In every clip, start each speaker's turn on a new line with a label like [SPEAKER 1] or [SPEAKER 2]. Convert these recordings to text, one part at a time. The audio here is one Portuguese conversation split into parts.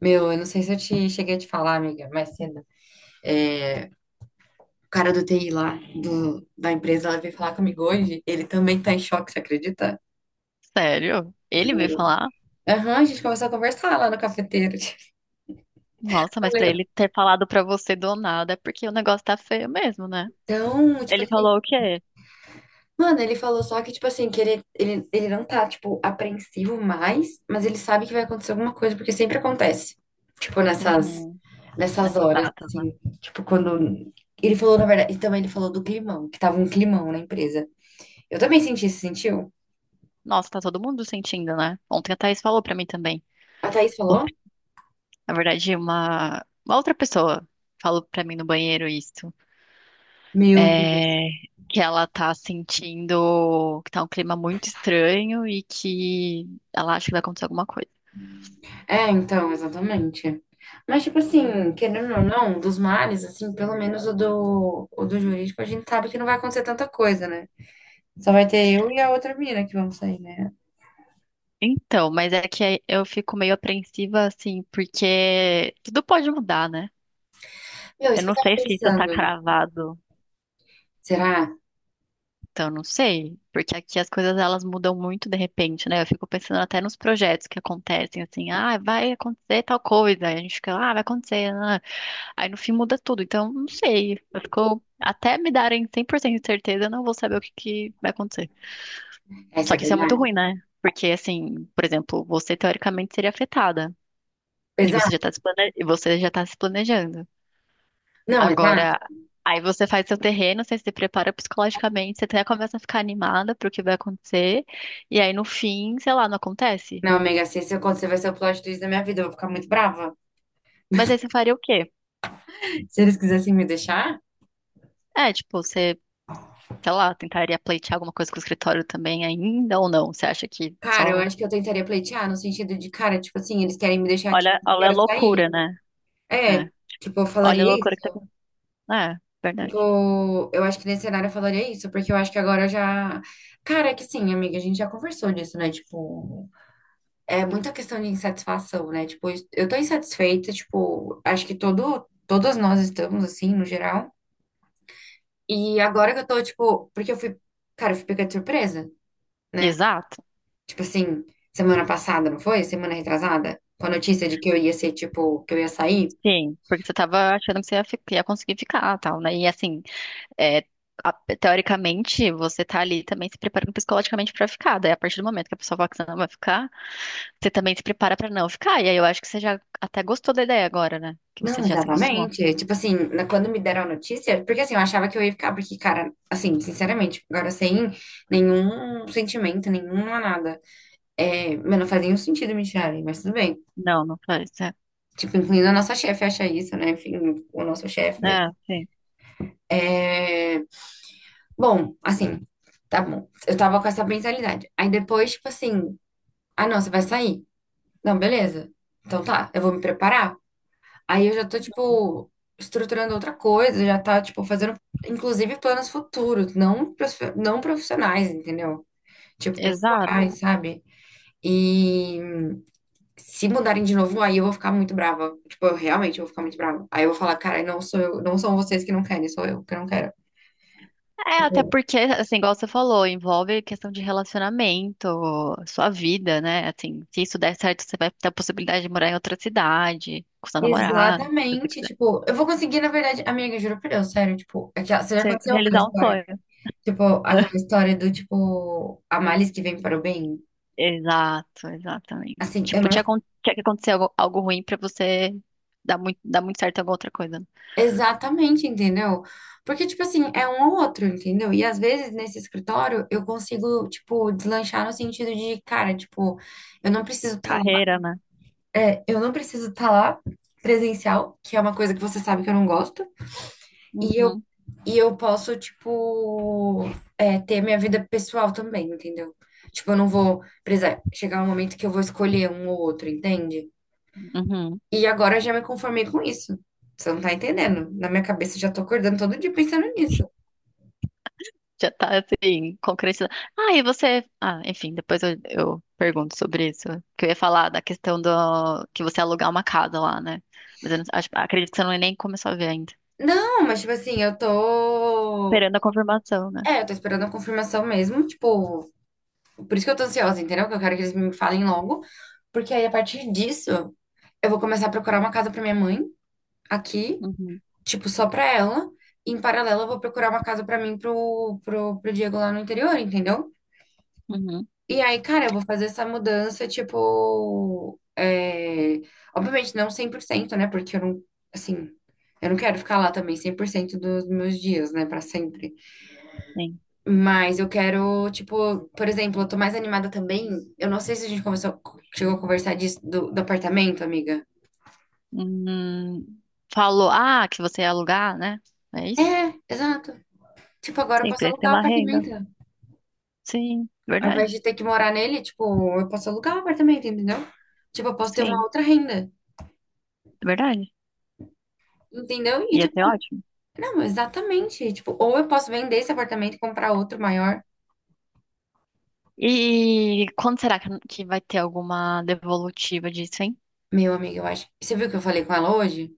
[SPEAKER 1] Meu, eu não sei se eu te cheguei a te falar, amiga, mais cedo. O cara do TI lá, da empresa, ela veio falar comigo hoje. Ele também tá em choque, você acredita?
[SPEAKER 2] Sério? Ele veio
[SPEAKER 1] Juro.
[SPEAKER 2] falar?
[SPEAKER 1] Aham, a gente começou a conversar lá no cafeteiro. Tipo,
[SPEAKER 2] Nossa, mas pra
[SPEAKER 1] falando.
[SPEAKER 2] ele ter falado pra você do nada é porque o negócio tá feio mesmo, né?
[SPEAKER 1] Então, tipo
[SPEAKER 2] Ele
[SPEAKER 1] assim,
[SPEAKER 2] falou o quê?
[SPEAKER 1] mano, ele falou só que, tipo assim, que ele não tá, tipo, apreensivo mais, mas ele sabe que vai acontecer alguma coisa, porque sempre acontece. Tipo, nessas,
[SPEAKER 2] Uhum,
[SPEAKER 1] nessas
[SPEAKER 2] nessas
[SPEAKER 1] horas,
[SPEAKER 2] datas, né?
[SPEAKER 1] assim, tipo, quando. Ele falou, na verdade, e também ele falou do climão, que tava um climão na empresa. Eu também senti, você sentiu?
[SPEAKER 2] Nossa, tá todo mundo sentindo, né? Ontem a Thaís falou pra mim também.
[SPEAKER 1] A Thaís
[SPEAKER 2] Op,
[SPEAKER 1] falou?
[SPEAKER 2] na verdade, uma outra pessoa falou pra mim no banheiro isso.
[SPEAKER 1] Meu Deus.
[SPEAKER 2] É, que ela tá sentindo que tá um clima muito estranho e que ela acha que vai acontecer alguma coisa.
[SPEAKER 1] É, então, exatamente. Mas, tipo assim, querendo ou não, dos males, assim, pelo menos o do jurídico, a gente sabe que não vai acontecer tanta coisa, né? Só vai ter eu e a outra mina que vamos sair, né?
[SPEAKER 2] Então, mas é que aí eu fico meio apreensiva, assim, porque tudo pode mudar, né?
[SPEAKER 1] Meu,
[SPEAKER 2] Eu
[SPEAKER 1] isso que eu
[SPEAKER 2] não
[SPEAKER 1] tava
[SPEAKER 2] sei se isso tá
[SPEAKER 1] pensando.
[SPEAKER 2] cravado,
[SPEAKER 1] Será?
[SPEAKER 2] então eu não sei, porque aqui as coisas elas mudam muito de repente, né? Eu fico pensando até nos projetos que acontecem, assim, ah, vai acontecer tal coisa, aí a gente fica, ah, vai acontecer, ah. Aí no fim muda tudo, então não sei, eu fico, até me darem 100% de certeza, eu não vou saber o que que vai acontecer.
[SPEAKER 1] Essa
[SPEAKER 2] Só
[SPEAKER 1] é
[SPEAKER 2] que isso é muito
[SPEAKER 1] verdade?
[SPEAKER 2] ruim, né? Porque, assim, por exemplo, você teoricamente seria afetada. E você já está
[SPEAKER 1] Exato?
[SPEAKER 2] se plane... e você já tá se planejando.
[SPEAKER 1] Não, exato?
[SPEAKER 2] Agora, aí você faz seu terreno, você se prepara psicologicamente, você até começa a ficar animada pro que vai acontecer, e aí no fim, sei lá, não acontece.
[SPEAKER 1] Não, Mega, se isso acontecer, vai ser o plot twist da minha vida. Eu vou ficar muito brava.
[SPEAKER 2] Mas aí você faria o quê?
[SPEAKER 1] Se eles quisessem me deixar,
[SPEAKER 2] É, tipo, você, sei lá, tentaria pleitear alguma coisa com o escritório também ainda ou não? Você acha que
[SPEAKER 1] cara, eu
[SPEAKER 2] só.
[SPEAKER 1] acho que eu tentaria pleitear, no sentido de, cara, tipo assim, eles querem me deixar aqui,
[SPEAKER 2] Olha,
[SPEAKER 1] eu
[SPEAKER 2] olha a
[SPEAKER 1] quero sair.
[SPEAKER 2] loucura, né?
[SPEAKER 1] É,
[SPEAKER 2] É.
[SPEAKER 1] tipo, eu
[SPEAKER 2] Olha a
[SPEAKER 1] falaria
[SPEAKER 2] loucura
[SPEAKER 1] isso.
[SPEAKER 2] que tá acontecendo. É, verdade.
[SPEAKER 1] Tipo, eu acho que nesse cenário eu falaria isso, porque eu acho que agora eu já. Cara, é que sim, amiga, a gente já conversou disso, né? Tipo, é muita questão de insatisfação, né? Tipo, eu tô insatisfeita, tipo, acho que todas nós estamos, assim, no geral. E agora que eu tô, tipo, porque eu fui, cara, eu fui pega de surpresa, né?
[SPEAKER 2] Exato.
[SPEAKER 1] Tipo assim, semana passada, não foi? Semana retrasada, com a notícia de que eu ia ser, tipo, que eu ia sair.
[SPEAKER 2] Sim, porque você tava achando que você ia, ia conseguir ficar, tal, né? E assim, é, a- teoricamente, você tá ali também se preparando psicologicamente pra ficar. Daí, a partir do momento que a pessoa fala que você não vai ficar, você também se prepara pra não ficar. E aí eu acho que você já até gostou da ideia agora, né? Que você
[SPEAKER 1] Não,
[SPEAKER 2] já se acostumou.
[SPEAKER 1] exatamente. Tipo assim, na- quando me deram a notícia, porque assim, eu achava que eu ia ficar, porque, cara, assim, sinceramente, agora sem nenhum sentimento, nenhuma nada. É, mas não faz nenhum sentido me tirarem, mas tudo bem.
[SPEAKER 2] Não, não faz. É,
[SPEAKER 1] Tipo, incluindo a nossa chefe acha isso, né? Enfim, o nosso chefe, mas.
[SPEAKER 2] é, sim.
[SPEAKER 1] É... Bom, assim, tá bom. Eu tava com essa mentalidade. Aí depois, tipo assim, ah, não, você vai sair. Não, beleza. Então tá, eu vou me preparar. Aí eu já tô, tipo, estruturando outra coisa, já tá, tipo, fazendo, inclusive, planos futuros, não, profi- não profissionais, entendeu? Tipo,
[SPEAKER 2] Exato.
[SPEAKER 1] pessoais, sabe? E se mudarem de novo, aí eu vou ficar muito brava. Tipo, eu realmente vou ficar muito brava. Aí eu vou falar, cara, não sou eu, não são vocês que não querem, sou eu que não quero.
[SPEAKER 2] É, até
[SPEAKER 1] Tipo,
[SPEAKER 2] porque, assim, igual você falou, envolve questão de relacionamento, sua vida, né? Assim, se isso der certo, você vai ter a possibilidade de morar em outra cidade, com seu namorado, se você
[SPEAKER 1] exatamente,
[SPEAKER 2] quiser.
[SPEAKER 1] tipo, eu vou conseguir, na verdade, amiga, juro por Deus, sério, tipo, aquela, você já
[SPEAKER 2] Você
[SPEAKER 1] aconteceu aquela
[SPEAKER 2] realizar um
[SPEAKER 1] história,
[SPEAKER 2] sonho.
[SPEAKER 1] tipo, aquela história do, tipo, a malice que vem para o bem?
[SPEAKER 2] Exato, exatamente.
[SPEAKER 1] Assim, eu
[SPEAKER 2] Tipo,
[SPEAKER 1] não
[SPEAKER 2] tinha, tinha que acontecer algo, algo ruim pra você dar muito certo em alguma outra coisa.
[SPEAKER 1] exatamente, entendeu? Porque, tipo assim, é um ou outro, entendeu? E às vezes nesse escritório eu consigo, tipo, deslanchar no sentido de, cara, tipo, eu não preciso estar lá,
[SPEAKER 2] Carreira, né?
[SPEAKER 1] é, eu não preciso estar lá presencial, que é uma coisa que você sabe que eu não gosto, e eu,
[SPEAKER 2] Uhum,
[SPEAKER 1] e eu posso, tipo, é, ter minha vida pessoal também, entendeu? Tipo, eu não vou precisar chegar um momento que eu vou escolher um ou outro, entende?
[SPEAKER 2] uhum.
[SPEAKER 1] E agora eu já me conformei com isso. Você não tá entendendo. Na minha cabeça eu já tô acordando todo dia pensando nisso.
[SPEAKER 2] Já tá assim, concretizado. Ah, e você. Ah, enfim, depois eu pergunto sobre isso. Que eu ia falar da questão do que você alugar uma casa lá, né? Mas eu não, acredito que você não nem começou a ver ainda.
[SPEAKER 1] Não, mas tipo assim, eu tô.
[SPEAKER 2] Esperando a confirmação, né?
[SPEAKER 1] É, eu tô esperando a confirmação mesmo. Tipo, por isso que eu tô ansiosa, entendeu? Que eu quero que eles me falem logo. Porque aí a partir disso, eu vou começar a procurar uma casa pra minha mãe aqui,
[SPEAKER 2] Uhum,
[SPEAKER 1] tipo, só pra ela. E em paralelo, eu vou procurar uma casa pra mim pro, pro Diego lá no interior, entendeu?
[SPEAKER 2] uhum,
[SPEAKER 1] E aí, cara, eu vou fazer essa mudança, tipo, é... obviamente não cem por cento, né? Porque eu não, assim, eu não quero ficar lá também 100% dos meus dias, né, pra sempre.
[SPEAKER 2] sim.
[SPEAKER 1] Mas eu quero, tipo, por exemplo, eu tô mais animada também. Eu não sei se a gente conversou, chegou a conversar disso do, do apartamento, amiga.
[SPEAKER 2] Hum, falou, ah, que você ia alugar, né? É isso?
[SPEAKER 1] É, exato. Tipo, agora eu
[SPEAKER 2] Sim,
[SPEAKER 1] posso
[SPEAKER 2] precisa ter
[SPEAKER 1] alugar o
[SPEAKER 2] uma renda.
[SPEAKER 1] apartamento.
[SPEAKER 2] Sim,
[SPEAKER 1] Ao invés
[SPEAKER 2] verdade.
[SPEAKER 1] de ter que morar nele, tipo, eu posso alugar o apartamento, entendeu? Tipo, eu posso ter uma
[SPEAKER 2] Sim,
[SPEAKER 1] outra renda,
[SPEAKER 2] verdade.
[SPEAKER 1] entendeu? E,
[SPEAKER 2] Ia ser
[SPEAKER 1] tipo,
[SPEAKER 2] ótimo.
[SPEAKER 1] não, exatamente. Tipo, ou eu posso vender esse apartamento e comprar outro maior.
[SPEAKER 2] E quando será que vai ter alguma devolutiva disso, hein?
[SPEAKER 1] Meu amigo, eu acho. Você viu que eu falei com ela hoje?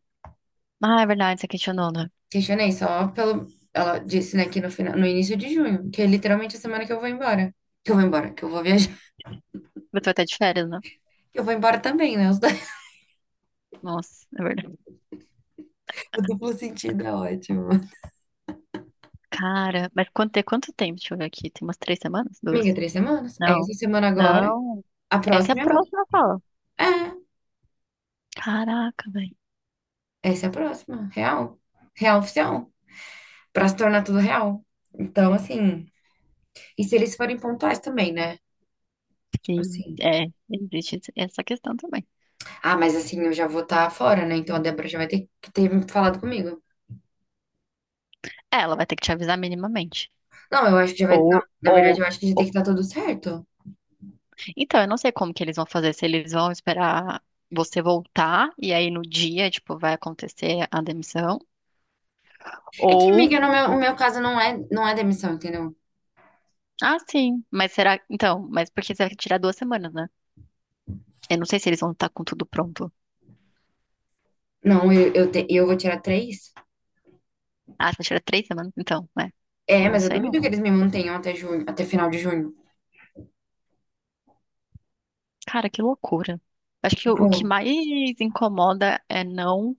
[SPEAKER 2] Ah, é verdade, você questionou, né?
[SPEAKER 1] Questionei só pelo. Ela disse, né, que no final, no início de junho, que é literalmente a semana que eu vou embora. Que eu vou embora, que eu vou viajar.
[SPEAKER 2] Você vai estar de férias, né?
[SPEAKER 1] Que eu vou embora também, né? Os dois-
[SPEAKER 2] Nossa, é verdade.
[SPEAKER 1] O duplo sentido é ótimo.
[SPEAKER 2] Cara, mas quanto, tem quanto tempo? Deixa eu ver aqui. Tem umas três semanas? Duas?
[SPEAKER 1] Amiga, três semanas. É
[SPEAKER 2] Não.
[SPEAKER 1] essa semana agora.
[SPEAKER 2] Não.
[SPEAKER 1] A
[SPEAKER 2] Essa é a
[SPEAKER 1] próxima é outra.
[SPEAKER 2] próxima fala.
[SPEAKER 1] É,
[SPEAKER 2] Caraca, velho.
[SPEAKER 1] essa é a próxima. Real. Real oficial. Pra se tornar tudo real. Então, assim. E se eles forem pontuais também, né? Tipo
[SPEAKER 2] Sim,
[SPEAKER 1] assim.
[SPEAKER 2] é, existe essa questão também.
[SPEAKER 1] Ah, mas assim, eu já vou estar fora, né? Então a Débora já vai ter que ter falado comigo.
[SPEAKER 2] É, ela vai ter que te avisar minimamente.
[SPEAKER 1] Não, eu acho que já vai. Não,
[SPEAKER 2] Ou,
[SPEAKER 1] na verdade,
[SPEAKER 2] ou,
[SPEAKER 1] eu acho que já tem que estar tudo certo.
[SPEAKER 2] Então, eu não sei como que eles vão fazer, se eles vão esperar você voltar e aí no dia, tipo, vai acontecer a demissão,
[SPEAKER 1] É que,
[SPEAKER 2] ou
[SPEAKER 1] amiga, no meu, o meu caso não é, não é demissão, entendeu?
[SPEAKER 2] ah, sim, mas será então, mas porque você vai tirar duas semanas, né? Eu não sei se eles vão estar com tudo pronto.
[SPEAKER 1] Não, eu vou tirar três.
[SPEAKER 2] Ah, você vai tirar três semanas, então, é.
[SPEAKER 1] É,
[SPEAKER 2] Não
[SPEAKER 1] mas eu
[SPEAKER 2] sei não.
[SPEAKER 1] duvido que eles me mantenham até junho, até final de junho.
[SPEAKER 2] Cara, que loucura. Acho que o que
[SPEAKER 1] Tipo,
[SPEAKER 2] mais incomoda é não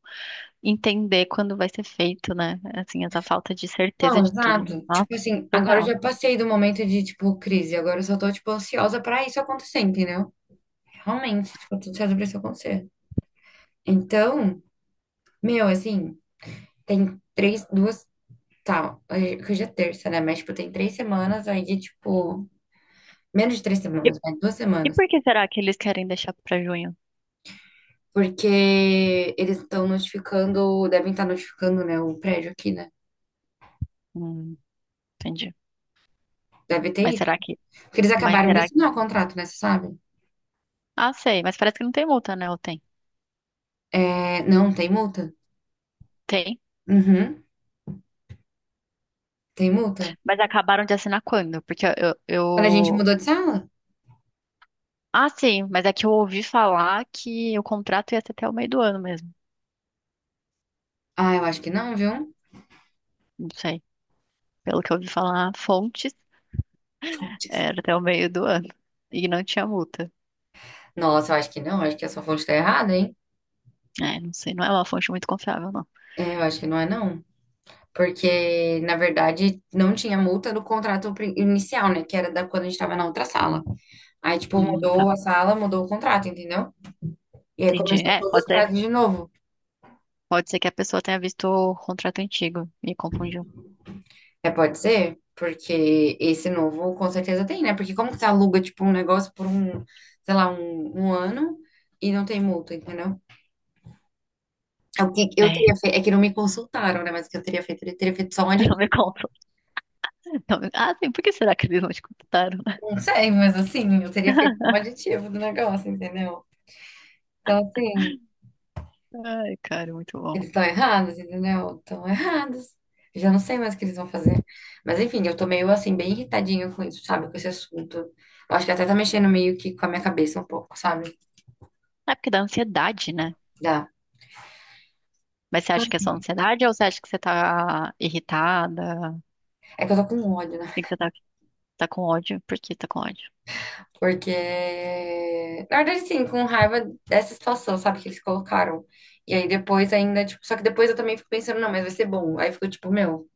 [SPEAKER 2] entender quando vai ser feito, né? Assim, essa falta de certeza
[SPEAKER 1] não,
[SPEAKER 2] de tudo.
[SPEAKER 1] exato.
[SPEAKER 2] Nossa,
[SPEAKER 1] Tipo assim, agora eu
[SPEAKER 2] surreal.
[SPEAKER 1] já passei do momento de, tipo, crise. Agora eu só tô, tipo, ansiosa pra isso acontecer, entendeu? Realmente, ficou tudo certo pra isso acontecer. Então, meu, assim, tem três, duas. Tá, hoje, porque hoje é terça, né? Mas, tipo, tem três semanas aí de, tipo, menos de três
[SPEAKER 2] E,
[SPEAKER 1] semanas, mas duas
[SPEAKER 2] e
[SPEAKER 1] semanas.
[SPEAKER 2] por que será que eles querem deixar pra junho?
[SPEAKER 1] Porque eles estão notificando, devem estar notificando, né, o prédio aqui, né?
[SPEAKER 2] Hum, entendi.
[SPEAKER 1] Deve ter
[SPEAKER 2] Mas
[SPEAKER 1] isso.
[SPEAKER 2] será que.
[SPEAKER 1] Porque eles
[SPEAKER 2] Mas
[SPEAKER 1] acabaram de
[SPEAKER 2] será que.
[SPEAKER 1] assinar o contrato, né? Você sabe?
[SPEAKER 2] Ah, sei, mas parece que não tem multa, né? Ou tem?
[SPEAKER 1] É, não, tem multa.
[SPEAKER 2] Tem.
[SPEAKER 1] Uhum, tem multa.
[SPEAKER 2] Mas acabaram de assinar quando? Porque eu,
[SPEAKER 1] Quando a gente
[SPEAKER 2] eu.
[SPEAKER 1] mudou de sala?
[SPEAKER 2] Ah, sim, mas é que eu ouvi falar que o contrato ia ser até o meio do ano mesmo.
[SPEAKER 1] Ah, eu acho que não, viu?
[SPEAKER 2] Não sei. Pelo que eu ouvi falar, fontes
[SPEAKER 1] Fontes.
[SPEAKER 2] era até o meio do ano. E não tinha multa.
[SPEAKER 1] Nossa, eu acho que não. Eu acho que essa fonte tá errada, hein?
[SPEAKER 2] É, não sei, não é uma fonte muito confiável, não.
[SPEAKER 1] É, eu acho que não é, não. Porque, na verdade, não tinha multa do contrato pri- inicial, né? Que era da quando a gente tava na outra sala. Aí, tipo,
[SPEAKER 2] Tá.
[SPEAKER 1] mudou a sala, mudou o contrato, entendeu? E aí
[SPEAKER 2] Entendi.
[SPEAKER 1] começou
[SPEAKER 2] É,
[SPEAKER 1] todos
[SPEAKER 2] pode
[SPEAKER 1] os
[SPEAKER 2] ser.
[SPEAKER 1] prazos de novo.
[SPEAKER 2] Pode ser que a pessoa tenha visto o contrato antigo e confundiu.
[SPEAKER 1] É, pode ser? Porque esse novo com certeza tem, né? Porque como que você aluga, tipo, um negócio por um, sei lá, um ano e não tem multa, entendeu? É o que eu
[SPEAKER 2] É,
[SPEAKER 1] teria feito. É que não me consultaram, né? Mas o que eu teria feito? Eu teria feito só um
[SPEAKER 2] não me
[SPEAKER 1] aditivo.
[SPEAKER 2] conta. Não me- Ah, sim, por que será que eles não te contaram, né?
[SPEAKER 1] Não sei, mas assim, eu teria feito só um aditivo do negócio, entendeu? Então, assim.
[SPEAKER 2] Ai, cara, muito bom.
[SPEAKER 1] Eles estão errados, entendeu? Estão errados. Já não sei mais o que eles vão fazer. Mas enfim, eu tô meio assim, bem irritadinha com isso, sabe? Com esse assunto. Eu acho que até tá mexendo meio que com a minha cabeça um pouco, sabe?
[SPEAKER 2] É porque dá ansiedade, né?
[SPEAKER 1] Dá.
[SPEAKER 2] Mas você acha que é só ansiedade ou você acha que você tá irritada?
[SPEAKER 1] É que eu tô com ódio, né?
[SPEAKER 2] E que você tá, tá com ódio? Por que tá com ódio?
[SPEAKER 1] Porque. Na verdade, sim, com raiva dessa situação, sabe? Que eles colocaram. E aí depois ainda, tipo. Só que depois eu também fico pensando, não, mas vai ser bom. Aí eu fico tipo, meu,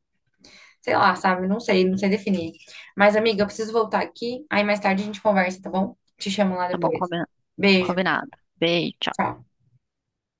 [SPEAKER 1] sei lá, sabe? Não sei, não sei definir. Mas, amiga, eu preciso voltar aqui. Aí mais tarde a gente conversa, tá bom? Te chamo lá
[SPEAKER 2] Tá bom,
[SPEAKER 1] depois. Beijo.
[SPEAKER 2] combinado. Beijo, tchau.
[SPEAKER 1] Tchau.